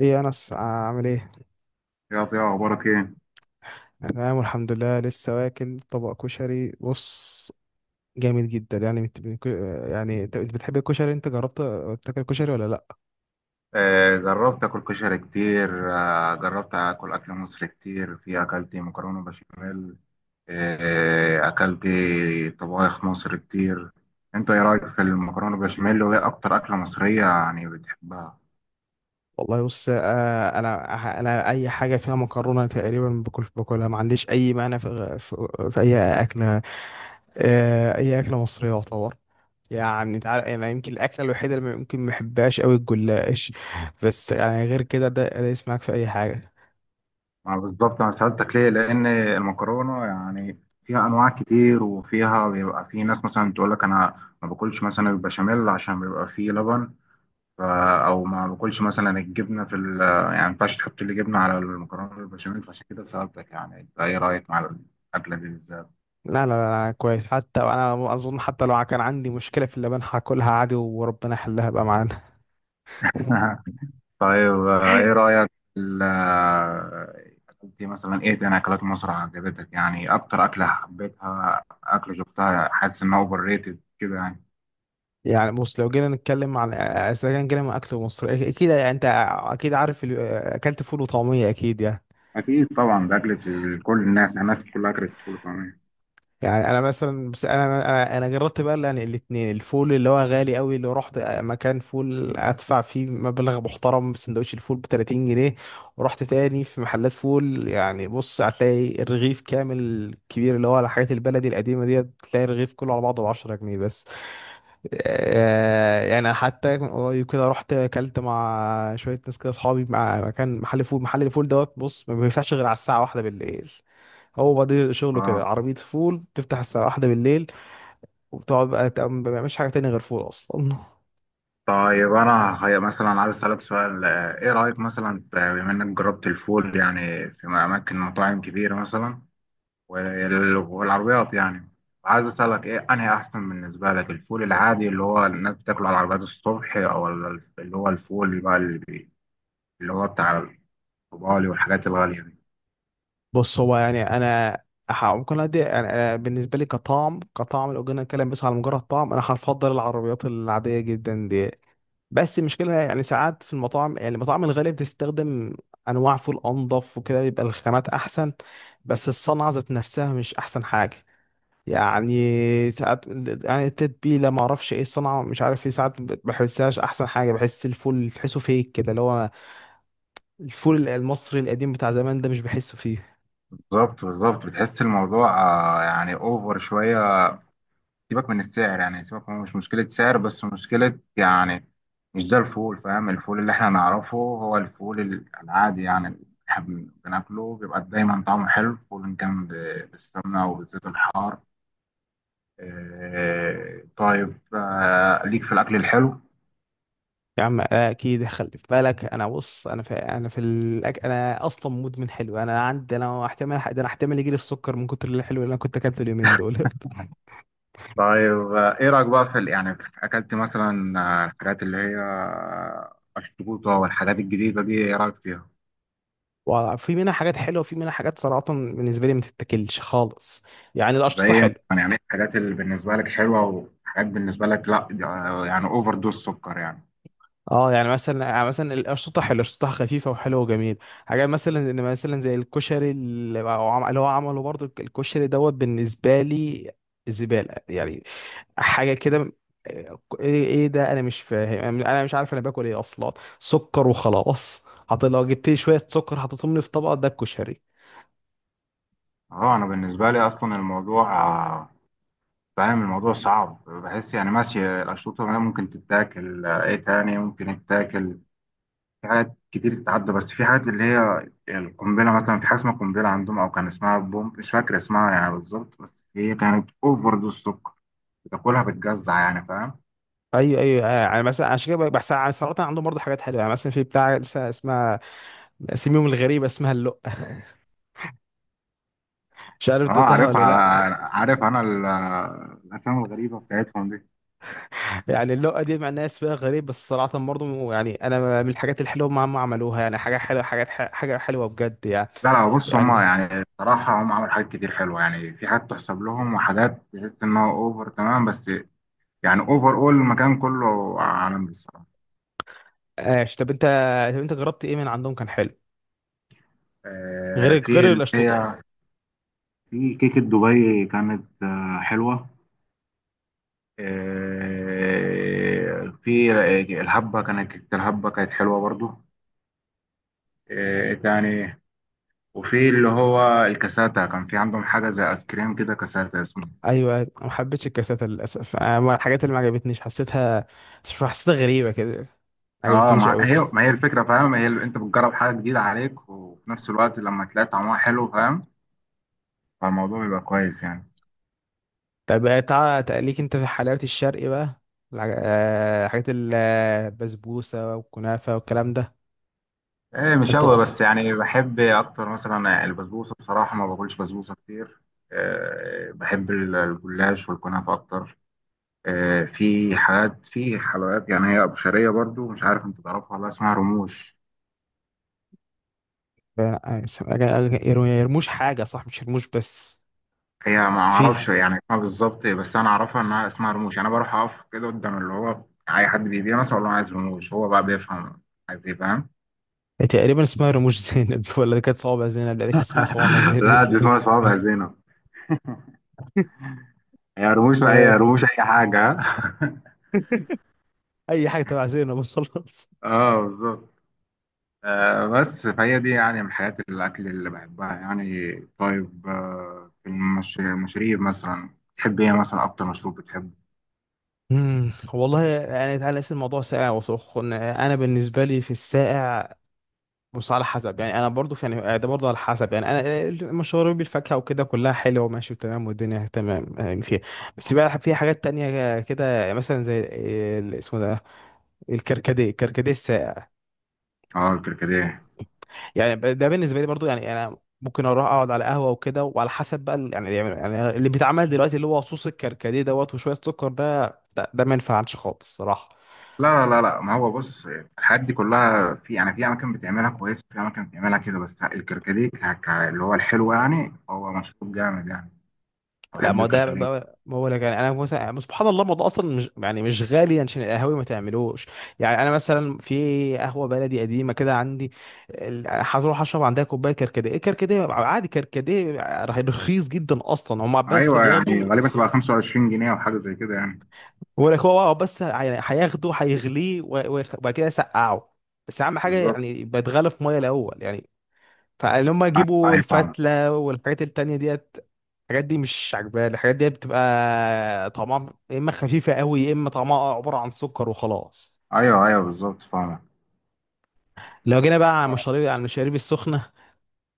ايه يا انس، عامل ايه؟ يا ضياء، اخبارك ايه؟ أنا تمام والحمد لله، لسه واكل طبق كشري. بص، جامد جدا. يعني يعني انت بتحب الكشري؟ انت جربت تاكل كشري ولا لا؟ آه جربت اكل كشري كتير. آه جربت اكل مصري كتير. في اكلت مكرونه بشاميل. آه اكلت طبايخ مصر كتير. انت ايه رايك في المكرونه بشاميل؟ وايه اكتر اكله مصريه يعني بتحبها؟ والله بص، انا اي حاجه فيها مكرونه تقريبا باكل باكلها، ما عنديش اي مانع في اي اكله. اي اكله مصريه يعتبر. يعني انت عارف، يعني يمكن الاكله الوحيده اللي ممكن ما احبهاش قوي الجلاش، بس يعني غير كده. ده يسمعك في اي حاجه. ما بالظبط انا سالتك ليه، لان المكرونه يعني فيها انواع كتير، وفيها بيبقى في ناس مثلا تقول لك: انا ما باكلش مثلا البشاميل عشان بيبقى فيه لبن. ف- او ما باكلش مثلا الجبنه في ال يعني ما ينفعش تحط لي جبنه على المكرونه البشاميل. فعشان كده سالتك، يعني انت ايه رايك مع الاكله دي بالذات؟ لا لا لا، كويس. حتى انا اظن حتى لو كان عندي مشكله في اللبان هاكلها عادي وربنا يحلها بقى معانا. طيب، آه، ايه رايك في ال- آه، انت مثلا ايه تاني اكلات مصر عجبتك؟ يعني اكتر اكله حبيتها، اكله شفتها حاسس انها اوفر ريتد كده يعني. يعني بص، لو جينا نتكلم عن، اذا كان جينا من اكل مصر، اكيد انت اكيد عارف اكلت فول وطعميه اكيد يعني. اكيد طبعا، ده اكله كل الناس. يعني الناس كلها اكلت فول وطعميه. يعني انا مثلا، بس انا جربت بقى يعني الاثنين. الفول اللي هو غالي قوي اللي رحت مكان فول ادفع فيه مبلغ محترم، سندوتش الفول ب 30 جنيه، ورحت تاني في محلات فول، يعني بص هتلاقي الرغيف كامل كبير اللي هو الحاجات البلدي القديمه ديت، تلاقي الرغيف كله على بعضه ب 10 جنيه بس. يعني حتى من قريب كده رحت اكلت مع شويه ناس كده اصحابي، مع مكان محل فول، محل الفول دوت. بص، ما بيفتحش غير على الساعه واحدة بالليل. هو بقى شغله كده اه عربية فول، تفتح الساعة واحدة بالليل وبتقعد بقى ما بيعملش حاجة تانية غير فول أصلا. طيب، انا هي مثلا عايز اسالك سؤال. ايه رايك مثلا بما انك جربت الفول يعني في اماكن مطاعم كبيره مثلا والعربيات يعني. عايز اسالك ايه انهي احسن بالنسبه لك؟ الفول العادي اللي هو الناس بتاكله على العربيات الصبح، او اللي هو الفول بقى اللي هو بتاع الطبالي والحاجات الغاليه دي؟ بص، هو يعني أنا ممكن أدي، يعني أنا بالنسبة لي كطعم، كطعم لو جينا نتكلم بس على مجرد طعم، أنا هفضل العربيات العادية جدا دي. بس المشكلة يعني ساعات في المطاعم، يعني المطاعم الغالية بتستخدم أنواع فول أنظف وكده، بيبقى الخامات أحسن، بس الصنعة ذات نفسها مش أحسن حاجة. يعني ساعات يعني التتبيله ما اعرفش ايه الصنعه، مش عارف ايه، ساعات ما بحسهاش احسن حاجه، بحس الفول تحسه فيك كده اللي هو الفول المصري القديم بتاع زمان، ده مش بحسه فيه. بالظبط بالظبط، بتحس الموضوع يعني اوفر شويه. سيبك من السعر، يعني سيبك من مش مشكلة سعر بس مشكلة يعني، مش ده الفول فاهم. الفول اللي احنا نعرفه هو الفول العادي يعني، اللي احنا بناكله بيبقى دايما طعمه حلو، فول إن كان بالسمنة أو بالزيت الحار. طيب، ليك في الأكل الحلو. يا عم اكيد، خلي في بالك. انا بص، انا انا اصلا مدمن حلو، انا عندي انا احتمال، ده انا احتمال يجي لي السكر من كتر الحلو اللي انا كنت اكلته اليومين دول. طيب، إيه رأيك بقى في ال- يعني في- أكلت مثلا آه، الحاجات اللي هي الشطوطة والحاجات الجديدة دي؟ إيه رأيك فيها؟ وفي منها حاجات حلوه وفي منها حاجات صراحه بالنسبه لي ما تتاكلش خالص. يعني يبقى القشطه ايه حلوه. يعني الحاجات اللي بالنسبه لك حلوه، وحاجات بالنسبه لك لا؟ يعني اوفر دوز سكر يعني. اه يعني مثلا، يعني مثلا الاشطه حلوه، الاشطه خفيفه وحلوه وجميل. حاجات مثلا، ان مثلا زي الكشري اللي هو اللي هو عمله برضو، الكشري دوت بالنسبه لي زباله يعني، حاجه كده. إيه ده؟ انا مش فاهم، انا مش عارف انا باكل ايه اصلا. سكر وخلاص. حط، لو جبت لي شويه سكر حطيتهم لي في طبق، ده الكشري. اه انا بالنسبه لي اصلا الموضوع فاهم الموضوع صعب. بحس يعني ماشي الاشروط الغذائيه ممكن تتاكل، ايه تاني ممكن يتاكل؟ في حاجات كتير تتعدى، بس في حاجات اللي هي القنبله مثلا. في حاجه اسمها قنبله عندهم او كان اسمها بوم، مش فاكر اسمها يعني بالظبط، بس هي كانت اوفر دوز سكر. بتاكلها بتجزع يعني، فاهم؟ ايوه ايوه، يعني مثلا عشان كده بحس. صراحه عندهم برضه حاجات حلوه، يعني مثلا في بتاع لسه اسمها، اسميهم الغريبه، اسمها اللقه. مش عارف اه دقتها عارف، ولا على لا؟ عارف انا الافلام الغريبه بتاعتهم دي. يعني اللقطة دي مع الناس بقى غريب، بس صراحة برضه يعني أنا من الحاجات الحلوة ما هم عملوها، يعني حاجة حلوة، حاجة حلوة بجد يعني. لا لا، بص يعني هما يعني الصراحة هم عملوا حاجات كتير حلوة. يعني في حاجات تحسب لهم، وحاجات تحس إنها أوفر تمام، بس يعني أوفر. أول المكان كله عالمي الصراحة. ايش، طب أنت، طب أنت جربت إيه من عندهم كان حلو آه، غير، في غير اللي الأشطوطة؟ هي، في كيكة دبي كانت آه حلوة. آه في الهبة، كانت كيكة الهبة كانت حلوة برضو. آه تاني، وفي اللي هو الكاساتا، كان في عندهم حاجة زي آيس كريم كده كاساتا اسمه. أيوه، ما حبيتش الكاساتة للأسف، أنا من الحاجات اللي ما عجبتنيش، حسيتها، حسيتها غريبة كده، ما اه عجبتنيش أوي هي الصراحة. ما هي الفكره فاهم. هي انت بتجرب حاجه جديده عليك، وفي نفس الوقت لما تلاقي طعمها حلو فاهم، فالموضوع بيبقى كويس يعني. طب تقليك أنت في حلاوة الشرق بقى، حاجات البسبوسة والكنافة والكلام ده؟ ايه مش أنت قوي، الأصل. بس يعني بحب اكتر مثلا البسبوسه. بصراحه ما باكلش بسبوسه كتير. إيه بحب الجلاش والكنافه اكتر. إيه في حاجات، في حلويات يعني، هي ابو شعريه برضو. مش عارف انت تعرفها ولا لأ، اسمها رموش. لا، يرموش حاجة صح، مش يرموش بس، هي ما اعرفش فيه يعني اسمها بالظبط، بس انا اعرفها انها اسمها رموش. يعني انا بروح اقف كده قدام اللي هو اي حد بيبيع مثلا، اقول له أنا عايز رموش. هو بقى بيفهم عايز ايه، فاهم؟ تقريبا اسمها رموش زينب. ولا دي كانت صوابع زينب؟ لا دي كانت اسمها صوانع زينب. لا دي اسمها صوابع زينب. هي رموش اي آه، رموش اي حاجه. أي حاجة تبع زينب وخلاص. اه بالظبط. آه بس، فهي دي يعني من حياة الأكل اللي بحبها يعني. طيب، آه في المشاريب مثلا، تحب إيه مثلا؟ أكتر مشروب بتحبه؟ والله يعني، تعالى نقسم الموضوع ساقع وسخن. انا بالنسبه لي في الساقع، بص على حسب. يعني انا برضو في يعني، ده برضو على حسب. يعني انا مشروبي بالفاكهه وكده كلها حلوه وماشي تمام والدنيا تمام يعني فيها. بس بقى في حاجات تانية كده يعني مثلا زي اسمه ده، الكركديه، الكركديه الساقع آه الكركديه. يعني. ده بالنسبه لي برضو يعني، يعني انا ممكن اروح اقعد على قهوه وكده، وعلى حسب بقى يعني اللي بيتعمل دلوقتي اللي هو صوص الكركديه دوت وشويه سكر، ده ده ما ينفعش خالص صراحه. لا لا لا لا، ما هو بص الحاجات دي كلها، في يعني في اماكن بتعملها كويس وفي اماكن بتعملها كده. بس الكركديه اللي هو الحلو يعني، هو مشروب جامد يعني. أنا لا بحب ما هو ده الكركديه. بقى، ما هو لك يعني انا مثلا، يعني سبحان الله الموضوع اصلا مش يعني مش غالي، عشان القهاوي ما تعملوش. يعني انا مثلا في قهوه بلدي قديمه كده عندي، هروح اشرب عندها كوبايه كركديه، الكركديه عادي، كركديه رخيص جدا اصلا، هم بس ايوه، يعني بياخدوا. غالبا تبقى 25 جنيه او حاجه زي كده يعني. هو لك، هو بقى، بس هياخده هيغليه وبعد كده يسقعه، بس اهم حاجه بالظبط. يعني يبقى يتغلى في ميه الاول يعني. فان هم ايوه يجيبوا أيوة، فاهمك. الفتله والحاجات التانية ديت، الحاجات دي مش عجباني، الحاجات دي بتبقى طعمها يا اما خفيفه قوي، يا اما طعمها عباره عن سكر وخلاص. ايوه ايوه بالظبط، فاهمك. لو جينا بقى على المشاريب، على المشاريب السخنه،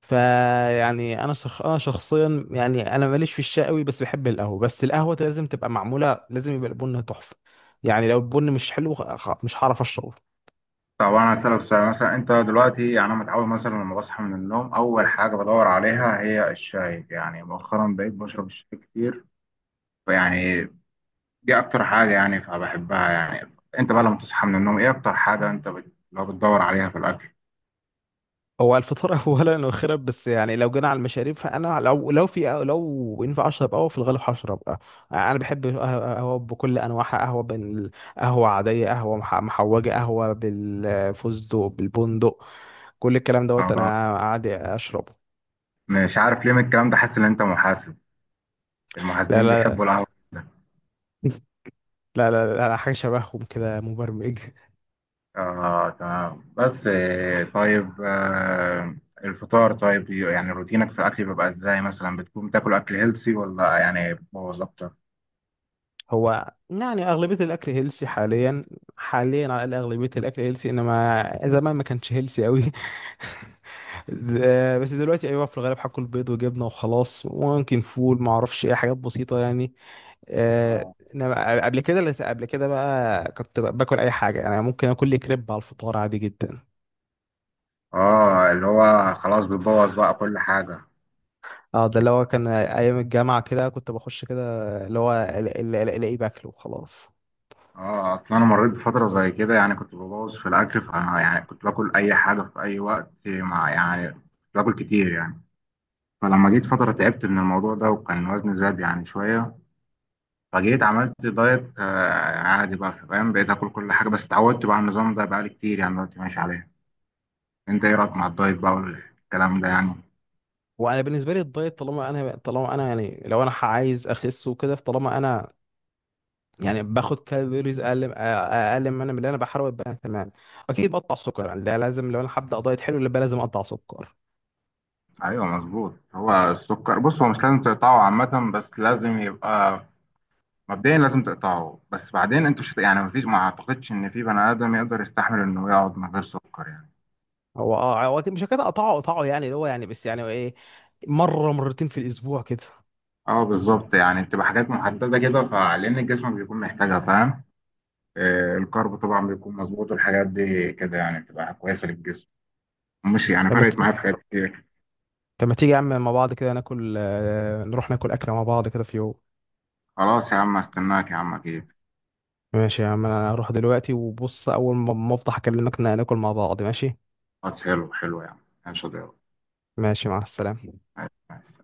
فيعني انا انا شخصيا يعني، انا ماليش في الشاي قوي، بس بحب القهوه، بس القهوه لازم تبقى معموله، لازم يبقى البن تحفه. يعني لو البن مش حلو مش هعرف اشربه. طب انا هسألك سؤال، مثلا انت دلوقتي، يعني انا متعود مثلا لما بصحى من النوم اول حاجه بدور عليها هي الشاي. يعني مؤخرا بقيت بشرب الشاي كتير يعني. دي اكتر حاجه يعني، فبحبها يعني. انت بقى لما تصحى من النوم، ايه اكتر حاجه انت لو بتدور عليها في الاكل؟ هو الفطار اولا واخيرا، بس يعني لو جينا على المشاريب فانا لو، لو في لو ينفع اشرب قهوه في الغالب هشرب قهوه. انا بحب قهوه بكل انواعها. قهوه بين، قهوه عاديه، قهوه محوجه، قهوه بالفستق بالبندق، كل الكلام دوت آه، انا عادي اشربه. مش عارف ليه من الكلام ده حاسس ان انت محاسب. لا المحاسبين لا. بيحبوا القهوه جدا. لا، حاجه شبههم كده، مبرمج. اه تمام. بس الفطار. طيب، يعني روتينك في الاكل بيبقى ازاي؟ مثلا بتكون بتاكل اكل هيلسي، ولا يعني بتبوظ اكتر؟ هو يعني أغلبية الأكل هيلسي حاليا، حاليا على الأقل أغلبية الأكل هيلسي، إنما زمان ما كانش هيلسي أوي. بس دلوقتي أيوة، في الغالب هاكل بيض وجبنة وخلاص، وممكن فول، ما أعرفش إيه، حاجات بسيطة يعني. اه. إنما قبل كده قبل كده بقى كنت باكل أي حاجة، يعني ممكن آكل لي كريب على الفطار عادي جدا. اه، اللي هو خلاص بتبوظ بقى كل حاجه. اه ده اللي هو كان أيام الجامعة كده، كنت بخش كده اللي هو ألاقيه باكله وخلاص. اه اصل انا مريت بفتره زي كده، يعني كنت ببوظ في الاكل. ف يعني كنت باكل اي حاجه في اي وقت، مع يعني كنت باكل كتير يعني. فلما جيت فتره تعبت من الموضوع ده، وكان وزني زاد يعني شويه. فجيت عملت دايت آه عادي بقى فاهم. بقيت اكل كل حاجه بس اتعودت بقى على النظام ده، بقالي كتير يعني دلوقتي ماشي عليه. انت ايه رايك مع الدايت بقى والكلام ده يعني؟ وانا بالنسبه لي الدايت، طالما انا، طالما انا يعني لو انا عايز اخس وكده، فطالما انا يعني باخد كالوريز اقل، اقل من اللي انا بحاول ابقى تمام، اكيد بقطع سكر، يعني ده لازم لو انا هبدا دايت حلو يبقى لازم اقطع سكر. ايوه مظبوط. هو السكر بص هو مش لازم تقطعه عامه، بس لازم يبقى مبدئيا لازم تقطعه. بس بعدين انتوا مش هت- يعني مفيش ما اعتقدش ان في بني ادم يقدر يستحمل انه يقعد من غير سكر يعني. هو اه، هو أكيد مش كده اقطعه اقطعه، يعني اللي هو يعني بس يعني ايه، مره مرتين في الاسبوع كده. اه بالظبط، يعني بتبقى حاجات محدده كده، فلان الجسم بيكون محتاجها فاهم. آه الكارب طبعا بيكون مظبوط، والحاجات دي كده يعني بتبقى كويسه للجسم. مش يعني لما فرقت ت... معايا في حاجات كتير. لما تيجي يا عم مع بعض كده ناكل، نروح ناكل اكله مع بعض كده في يوم. خلاص يا عم، استناك يا عم اكيد. ماشي يا عم، انا هروح دلوقتي وبص، اول ما افضح اكلمك ناكل مع بعض، ماشي. خلاص، حلو حلو يا عم. ماشي يا ضياء. ماشي، مع السلامه. ماشي.